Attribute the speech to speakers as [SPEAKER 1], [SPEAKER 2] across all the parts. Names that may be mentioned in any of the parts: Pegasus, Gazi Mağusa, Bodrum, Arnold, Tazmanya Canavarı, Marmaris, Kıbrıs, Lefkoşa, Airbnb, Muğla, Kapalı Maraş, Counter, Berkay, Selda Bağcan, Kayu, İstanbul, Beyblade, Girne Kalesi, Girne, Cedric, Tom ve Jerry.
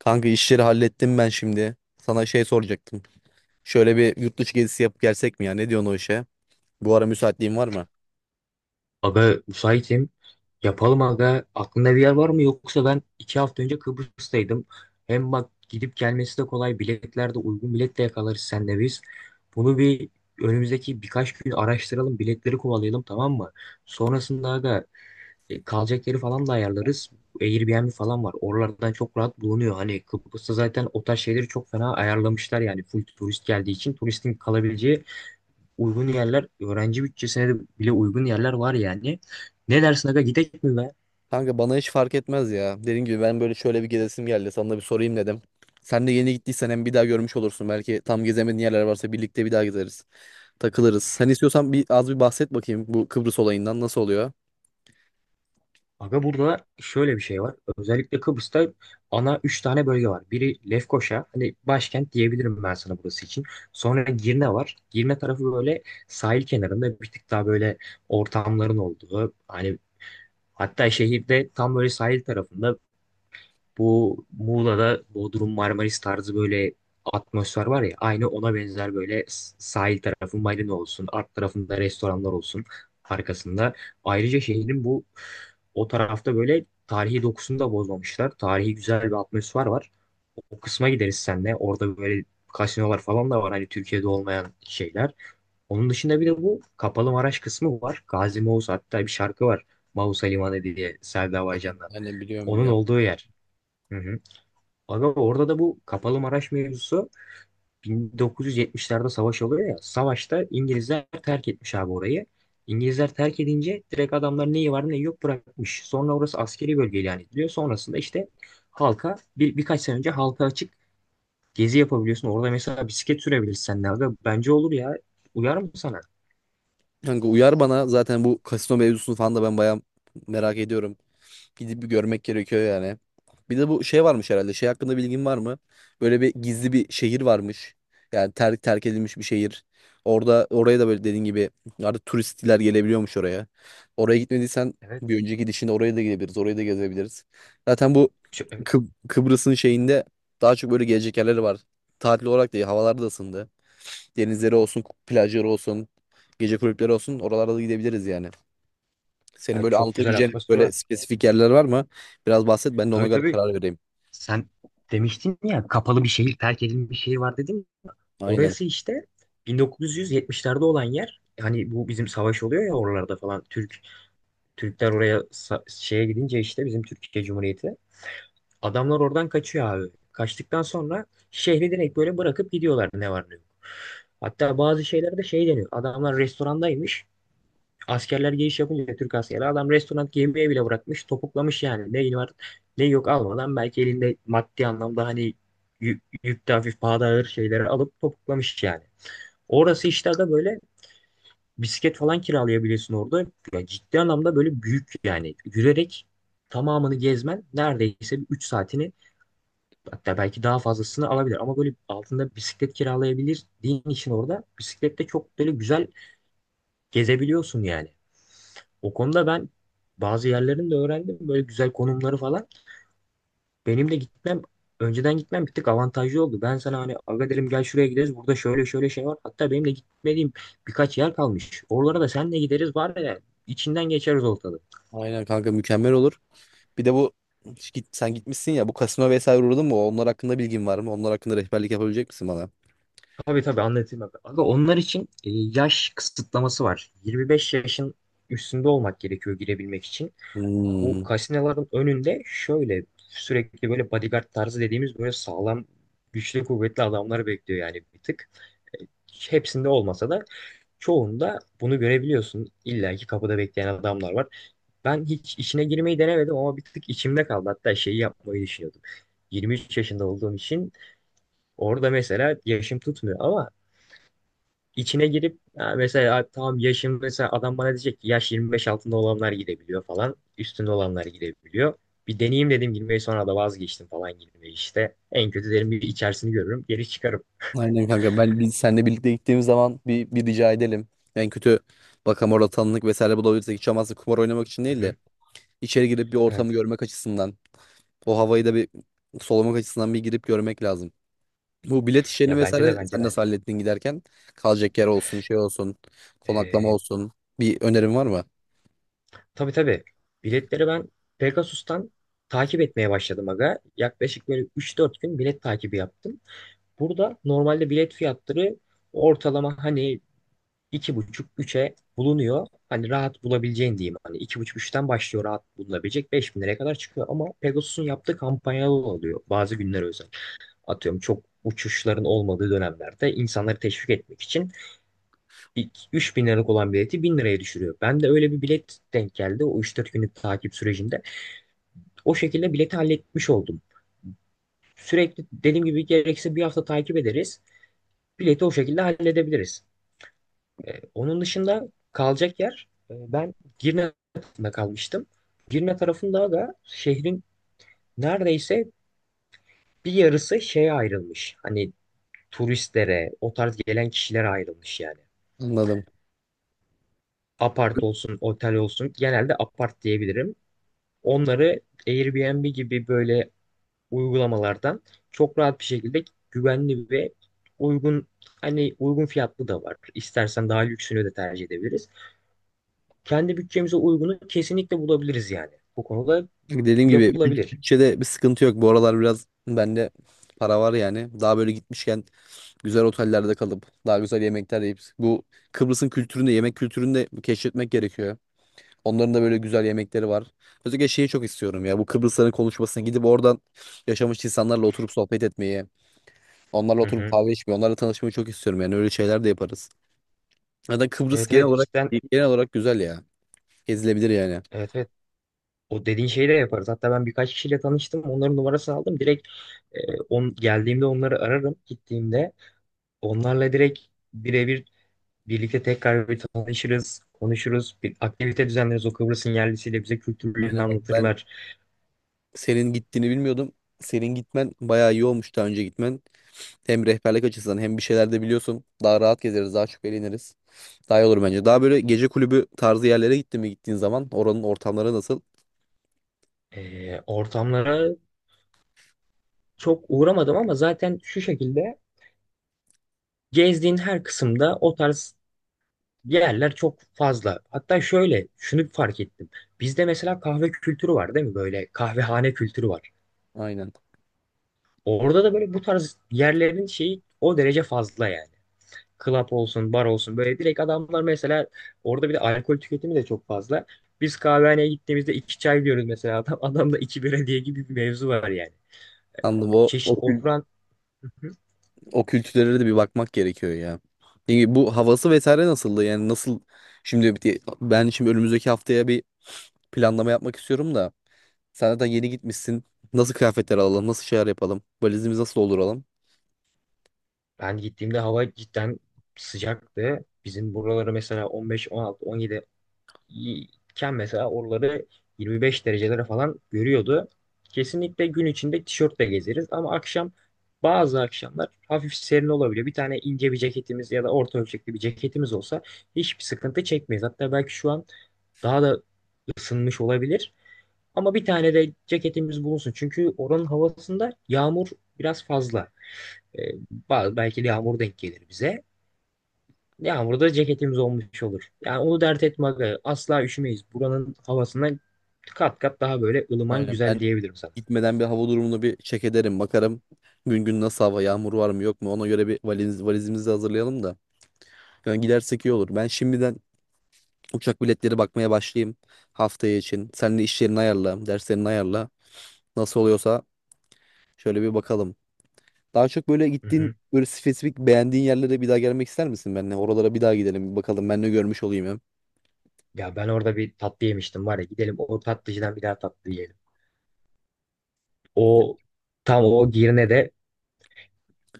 [SPEAKER 1] Kanka işleri hallettim ben şimdi. Sana şey soracaktım. Şöyle bir yurt dışı gezisi yapıp gelsek mi ya? Ne diyorsun o işe? Bu ara müsaitliğin var mı?
[SPEAKER 2] Aga müsaitim. Yapalım aga. Aklında bir yer var mı? Yoksa ben iki hafta önce Kıbrıs'taydım. Hem bak gidip gelmesi de kolay. Biletler de uygun bilet de yakalarız senle biz. Bunu önümüzdeki birkaç gün araştıralım. Biletleri kovalayalım, tamam mı? Sonrasında aga, kalacak yeri falan da ayarlarız. Airbnb falan var. Oralardan çok rahat bulunuyor. Hani Kıbrıs'ta zaten o tarz şeyleri çok fena ayarlamışlar yani. Full turist geldiği için turistin kalabileceği uygun yerler, öğrenci bütçesine de bile uygun yerler var yani. Ne dersin aga, gidek mi be?
[SPEAKER 1] Kanka bana hiç fark etmez ya. Dediğim gibi ben böyle şöyle bir gezesim geldi. Sana da bir sorayım dedim. Sen de yeni gittiysen hem bir daha görmüş olursun. Belki tam gezemediğin yerler varsa birlikte bir daha gezeriz. Takılırız. Sen istiyorsan bir az bir bahset bakayım bu Kıbrıs olayından nasıl oluyor?
[SPEAKER 2] Aga burada şöyle bir şey var. Özellikle Kıbrıs'ta ana 3 tane bölge var. Biri Lefkoşa, hani başkent diyebilirim ben sana burası için. Sonra Girne var. Girne tarafı böyle sahil kenarında bir tık daha böyle ortamların olduğu. Hani hatta şehirde tam böyle sahil tarafında, bu Muğla'da Bodrum Marmaris tarzı böyle atmosfer var ya, aynı ona benzer böyle sahil tarafı marina olsun, art tarafında restoranlar olsun arkasında. Ayrıca şehrin bu o tarafta böyle tarihi dokusunu da bozmamışlar. Tarihi güzel bir atmosfer var. O kısma gideriz senle. Orada böyle kasinolar falan da var. Hani Türkiye'de olmayan şeyler. Onun dışında bir de bu Kapalı Maraş kısmı var. Gazi Mağusa, hatta bir şarkı var. Mausa Limanı diye, Selda
[SPEAKER 1] Evet,
[SPEAKER 2] Bağcan'dan.
[SPEAKER 1] ben de biliyorum
[SPEAKER 2] Onun
[SPEAKER 1] biliyorum.
[SPEAKER 2] olduğu yer. Hı hı. Aga orada da bu Kapalı Maraş mevzusu, 1970'lerde savaş oluyor ya. Savaşta İngilizler terk etmiş abi orayı. İngilizler terk edince direkt adamlar neyi var neyi yok bırakmış. Sonra orası askeri bölge ilan ediliyor. Sonrasında işte halka birkaç sene önce halka açık gezi yapabiliyorsun. Orada mesela bisiklet sürebilirsen de aga bence olur ya. Uyar mı sana?
[SPEAKER 1] Kanka uyar bana zaten bu kasino mevzusunu falan da ben bayağı merak ediyorum. Gidip bir görmek gerekiyor yani. Bir de bu şey varmış herhalde. Şey hakkında bilgin var mı? Böyle bir gizli bir şehir varmış. Yani terk edilmiş bir şehir. Orada oraya da böyle dediğin gibi artık turistler gelebiliyormuş oraya. Oraya gitmediysen
[SPEAKER 2] Evet.
[SPEAKER 1] bir önceki gidişinde oraya da gidebiliriz. Orayı da gezebiliriz. Zaten bu
[SPEAKER 2] Çok, evet.
[SPEAKER 1] Kıb- Kıbrıs'ın şeyinde daha çok böyle gelecek yerleri var. Tatil olarak değil, havalar da ısındı. Denizleri olsun, plajları olsun, gece kulüpleri olsun. Oralara da gidebiliriz yani. Senin
[SPEAKER 2] Yani
[SPEAKER 1] böyle
[SPEAKER 2] çok güzel
[SPEAKER 1] anlatabileceğin
[SPEAKER 2] atmosfer
[SPEAKER 1] böyle
[SPEAKER 2] var.
[SPEAKER 1] spesifik yerler var mı? Biraz bahset ben de ona
[SPEAKER 2] Tabii
[SPEAKER 1] göre
[SPEAKER 2] tabii.
[SPEAKER 1] karar vereyim.
[SPEAKER 2] Sen demiştin ya, kapalı bir şehir, terk edilmiş bir şehir var dedin.
[SPEAKER 1] Aynen.
[SPEAKER 2] Orası işte 1970'lerde olan yer. Hani bu bizim savaş oluyor ya oralarda falan. Türkler oraya şeye gidince, işte bizim Türkiye Cumhuriyeti. Adamlar oradan kaçıyor abi. Kaçtıktan sonra şehri direkt böyle bırakıp gidiyorlar, ne var ne yok. Hatta bazı şeylerde şey deniyor. Adamlar restorandaymış. Askerler giriş yapınca, Türk askeri, adam restoran yemeği bile bırakmış, topuklamış yani. Ne var ne yok almadan, belki elinde maddi anlamda hani yükte hafif pahada ağır şeyleri alıp topuklamış yani. Orası işte aga böyle, bisiklet falan kiralayabilirsin orada. Ya ciddi anlamda böyle büyük, yani yürüyerek tamamını gezmen neredeyse 3 saatini, hatta belki daha fazlasını alabilir. Ama böyle altında bisiklet kiralayabildiğin için, orada bisiklette çok böyle güzel gezebiliyorsun yani. O konuda ben bazı yerlerini de öğrendim. Böyle güzel konumları falan. Benim de gitmem Önceden gitmem bir tık avantajlı oldu. Ben sana hani aga dedim, gel şuraya gideriz. Burada şöyle şöyle şey var. Hatta benim de gitmediğim birkaç yer kalmış. Oralara da senle gideriz var ya, içinden geçeriz ortalığı.
[SPEAKER 1] Aynen kanka mükemmel olur. Bir de sen gitmişsin ya, bu kasino vesaire uğradın mı? Onlar hakkında bilgin var mı? Onlar hakkında rehberlik yapabilecek misin bana?
[SPEAKER 2] Tabii tabii anlatayım abi. Aga onlar için yaş kısıtlaması var. 25 yaşın üstünde olmak gerekiyor girebilmek için.
[SPEAKER 1] Hmm.
[SPEAKER 2] Bu kasinoların önünde şöyle sürekli böyle bodyguard tarzı dediğimiz böyle sağlam güçlü kuvvetli adamlar bekliyor yani bir tık. E, Hepsinde olmasa da çoğunda bunu görebiliyorsun. İlla ki kapıda bekleyen adamlar var. Ben hiç işine girmeyi denemedim ama bir tık içimde kaldı. Hatta şeyi yapmayı düşünüyordum. 23 yaşında olduğum için orada mesela yaşım tutmuyor, ama içine girip ha, mesela tam yaşım, mesela adam bana diyecek ki yaş 25 altında olanlar girebiliyor falan. Üstünde olanlar girebiliyor. Bir deneyeyim dedim girmeyi, sonra da vazgeçtim falan girmeyi işte. En kötü derim bir içerisini görürüm, geri çıkarım.
[SPEAKER 1] Aynen kanka, ben biz seninle birlikte gittiğimiz zaman bir rica edelim. En kötü bakalım orada tanınık vesaire bulabilirsek, hiç olmazsa kumar oynamak için değil
[SPEAKER 2] Hı
[SPEAKER 1] de
[SPEAKER 2] hı.
[SPEAKER 1] içeri girip bir ortamı
[SPEAKER 2] Evet.
[SPEAKER 1] görmek açısından, o havayı da bir solumak açısından bir girip görmek lazım. Bu bilet işlerini
[SPEAKER 2] Ya bence de
[SPEAKER 1] vesaire
[SPEAKER 2] bence
[SPEAKER 1] sen
[SPEAKER 2] de.
[SPEAKER 1] nasıl hallettin giderken? Kalacak yer olsun, şey olsun, konaklama
[SPEAKER 2] Ee,
[SPEAKER 1] olsun. Bir önerin var mı?
[SPEAKER 2] Tabii tabii. Biletleri ben Pegasus'tan takip etmeye başladım aga. Yaklaşık böyle 3-4 gün bilet takibi yaptım. Burada normalde bilet fiyatları ortalama hani iki buçuk üç'e bulunuyor. Hani rahat bulabileceğin diyeyim. Hani iki buçuk üçten başlıyor rahat bulunabilecek. 5 bin liraya kadar çıkıyor. Ama Pegasus'un yaptığı kampanyalı oluyor. Bazı günler özel. Atıyorum çok uçuşların olmadığı dönemlerde insanları teşvik etmek için ilk 3000 liralık olan bileti 1000 liraya düşürüyor. Ben de öyle bir bilet denk geldi o 3-4 günlük takip sürecinde. O şekilde bileti halletmiş oldum. Sürekli dediğim gibi gerekirse bir hafta takip ederiz. Bileti o şekilde halledebiliriz. Onun dışında kalacak yer, ben Girne tarafında kalmıştım. Girne tarafında da şehrin neredeyse bir yarısı şeye ayrılmış. Hani turistlere, o tarz gelen kişilere ayrılmış yani.
[SPEAKER 1] Anladım.
[SPEAKER 2] Apart olsun, otel olsun, genelde apart diyebilirim. Onları Airbnb gibi böyle uygulamalardan çok rahat bir şekilde, güvenli ve uygun, hani uygun fiyatlı da var. İstersen daha lüksünü de tercih edebiliriz. Kendi bütçemize uygunu kesinlikle bulabiliriz yani. Bu konuda
[SPEAKER 1] Dediğim gibi
[SPEAKER 2] yapılabilir.
[SPEAKER 1] bütçede bir sıkıntı yok. Bu aralar biraz bende para var yani. Daha böyle gitmişken güzel otellerde kalıp daha güzel yemekler yiyip bu Kıbrıs'ın kültürünü, yemek kültürünü de keşfetmek gerekiyor. Onların da böyle güzel yemekleri var. Özellikle şeyi çok istiyorum ya. Bu Kıbrısların konuşmasına gidip oradan yaşamış insanlarla oturup sohbet etmeyi, onlarla
[SPEAKER 2] Hı
[SPEAKER 1] oturup
[SPEAKER 2] hı.
[SPEAKER 1] kahve içmeyi, onlarla tanışmayı çok istiyorum. Yani öyle şeyler de yaparız. Ya da Kıbrıs
[SPEAKER 2] Evet evet cidden,
[SPEAKER 1] genel olarak güzel ya. Gezilebilir yani.
[SPEAKER 2] evet evet, o dediğin şeyi de yaparız. Hatta ben birkaç kişiyle tanıştım. Onların numarasını aldım. Direkt e, geldiğimde onları ararım, gittiğimde. Onlarla direkt birebir birlikte tekrar bir tanışırız, konuşuruz. Bir aktivite düzenleriz. O Kıbrıs'ın yerlisiyle bize kültürlerini
[SPEAKER 1] Aynen bak, ben
[SPEAKER 2] anlatırlar.
[SPEAKER 1] senin gittiğini bilmiyordum. Senin gitmen bayağı iyi olmuş, daha önce gitmen. Hem rehberlik açısından hem bir şeyler de biliyorsun. Daha rahat gezeriz, daha çok eğleniriz. Daha iyi olur bence. Daha böyle gece kulübü tarzı yerlere gittin mi, gittiğin zaman oranın ortamları nasıl?
[SPEAKER 2] Ortamlara çok uğramadım ama zaten şu şekilde gezdiğin her kısımda o tarz yerler çok fazla. Hatta şöyle şunu fark ettim. Bizde mesela kahve kültürü var, değil mi? Böyle kahvehane kültürü var.
[SPEAKER 1] Aynen.
[SPEAKER 2] Orada da böyle bu tarz yerlerin şeyi o derece fazla yani. Club olsun, bar olsun, böyle direkt adamlar mesela, orada bir de alkol tüketimi de çok fazla. Biz kahvehaneye gittiğimizde iki çay diyoruz mesela, adamda iki bira diye gibi bir mevzu var yani.
[SPEAKER 1] Anladım.
[SPEAKER 2] Çeşit oturan.
[SPEAKER 1] O kültürlere de bir bakmak gerekiyor ya. Yani bu havası vesaire nasıldı? Yani nasıl, ben şimdi önümüzdeki haftaya bir planlama yapmak istiyorum da. Sen zaten yeni gitmişsin. Nasıl kıyafetler alalım? Nasıl şeyler yapalım? Valizimizi nasıl dolduralım?
[SPEAKER 2] Ben gittiğimde hava cidden sıcaktı. Bizim buraları mesela 15, 16, 17 iken, mesela oraları 25 derecelere falan görüyordu. Kesinlikle gün içinde tişörtle gezeriz, ama akşam bazı akşamlar hafif serin olabiliyor. Bir tane ince bir ceketimiz ya da orta ölçekli bir ceketimiz olsa hiçbir sıkıntı çekmeyiz. Hatta belki şu an daha da ısınmış olabilir. Ama bir tane de ceketimiz bulunsun. Çünkü oranın havasında yağmur biraz fazla. E, Belki de yağmur denk gelir bize. Yağmurda ceketimiz olmuş olur. Yani onu dert etme aga. Asla üşümeyiz. Buranın havasından kat kat daha böyle ılıman
[SPEAKER 1] Aynen.
[SPEAKER 2] güzel
[SPEAKER 1] Ben
[SPEAKER 2] diyebilirim sana.
[SPEAKER 1] gitmeden bir hava durumunu bir check ederim. Bakarım gün gün nasıl hava, yağmur var mı yok mu? Ona göre valizimizi hazırlayalım da. Yani gidersek iyi olur. Ben şimdiden uçak biletleri bakmaya başlayayım haftaya için. Sen de işlerini ayarla, derslerini ayarla. Nasıl oluyorsa şöyle bir bakalım. Daha çok böyle
[SPEAKER 2] Hı
[SPEAKER 1] gittiğin
[SPEAKER 2] hı.
[SPEAKER 1] böyle spesifik beğendiğin yerlere bir daha gelmek ister misin benimle? Oralara bir daha gidelim bir bakalım. Ben ne görmüş olayım hem.
[SPEAKER 2] Ya ben orada bir tatlı yemiştim var ya, gidelim o tatlıcıdan bir daha tatlı yiyelim. O tam o Girne'de,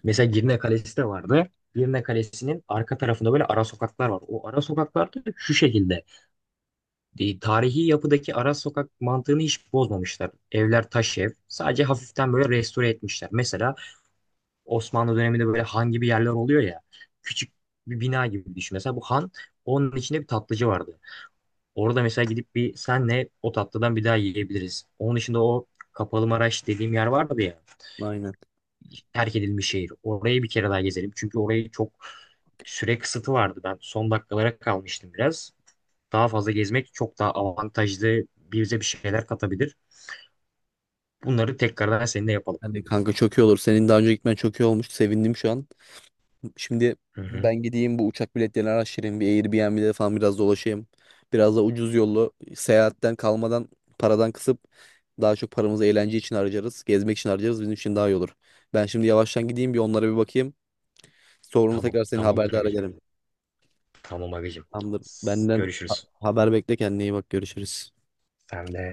[SPEAKER 2] mesela Girne Kalesi de vardı. Girne Kalesi'nin arka tarafında böyle ara sokaklar var. O ara sokaklar da şu şekilde. Tarihi yapıdaki ara sokak mantığını hiç bozmamışlar. Evler taş ev. Sadece hafiften böyle restore etmişler. Mesela Osmanlı döneminde böyle han gibi yerler oluyor ya. Küçük bir bina gibi düşün. Mesela bu han, onun içinde bir tatlıcı vardı. Orada mesela gidip bir senle o tatlıdan bir daha yiyebiliriz. Onun dışında o Kapalı Maraş dediğim yer vardı ya.
[SPEAKER 1] Aynen.
[SPEAKER 2] Terk edilmiş şehir. Orayı bir kere daha gezelim. Çünkü orayı çok süre kısıtı vardı. Ben son dakikalara kalmıştım biraz. Daha fazla gezmek çok daha avantajlı, bize bir şeyler katabilir. Bunları tekrardan seninle yapalım.
[SPEAKER 1] Hani kanka çok iyi olur. Senin daha önce gitmen çok iyi olmuş. Sevindim şu an. Şimdi
[SPEAKER 2] Hı hı.
[SPEAKER 1] ben gideyim bu uçak biletlerini araştırayım. Bir Airbnb'de falan biraz dolaşayım. Biraz da ucuz yollu seyahatten kalmadan paradan kısıp daha çok paramızı eğlence için harcarız. Gezmek için harcarız. Bizim için daha iyi olur. Ben şimdi yavaştan gideyim bir onlara bir bakayım. Sonra
[SPEAKER 2] Tamam.
[SPEAKER 1] tekrar seni
[SPEAKER 2] Tamamdır
[SPEAKER 1] haberdar
[SPEAKER 2] agacım.
[SPEAKER 1] ederim.
[SPEAKER 2] Tamam agacım.
[SPEAKER 1] Tamamdır. Benden
[SPEAKER 2] Görüşürüz.
[SPEAKER 1] haber bekle, kendine iyi bak, görüşürüz.
[SPEAKER 2] Sen de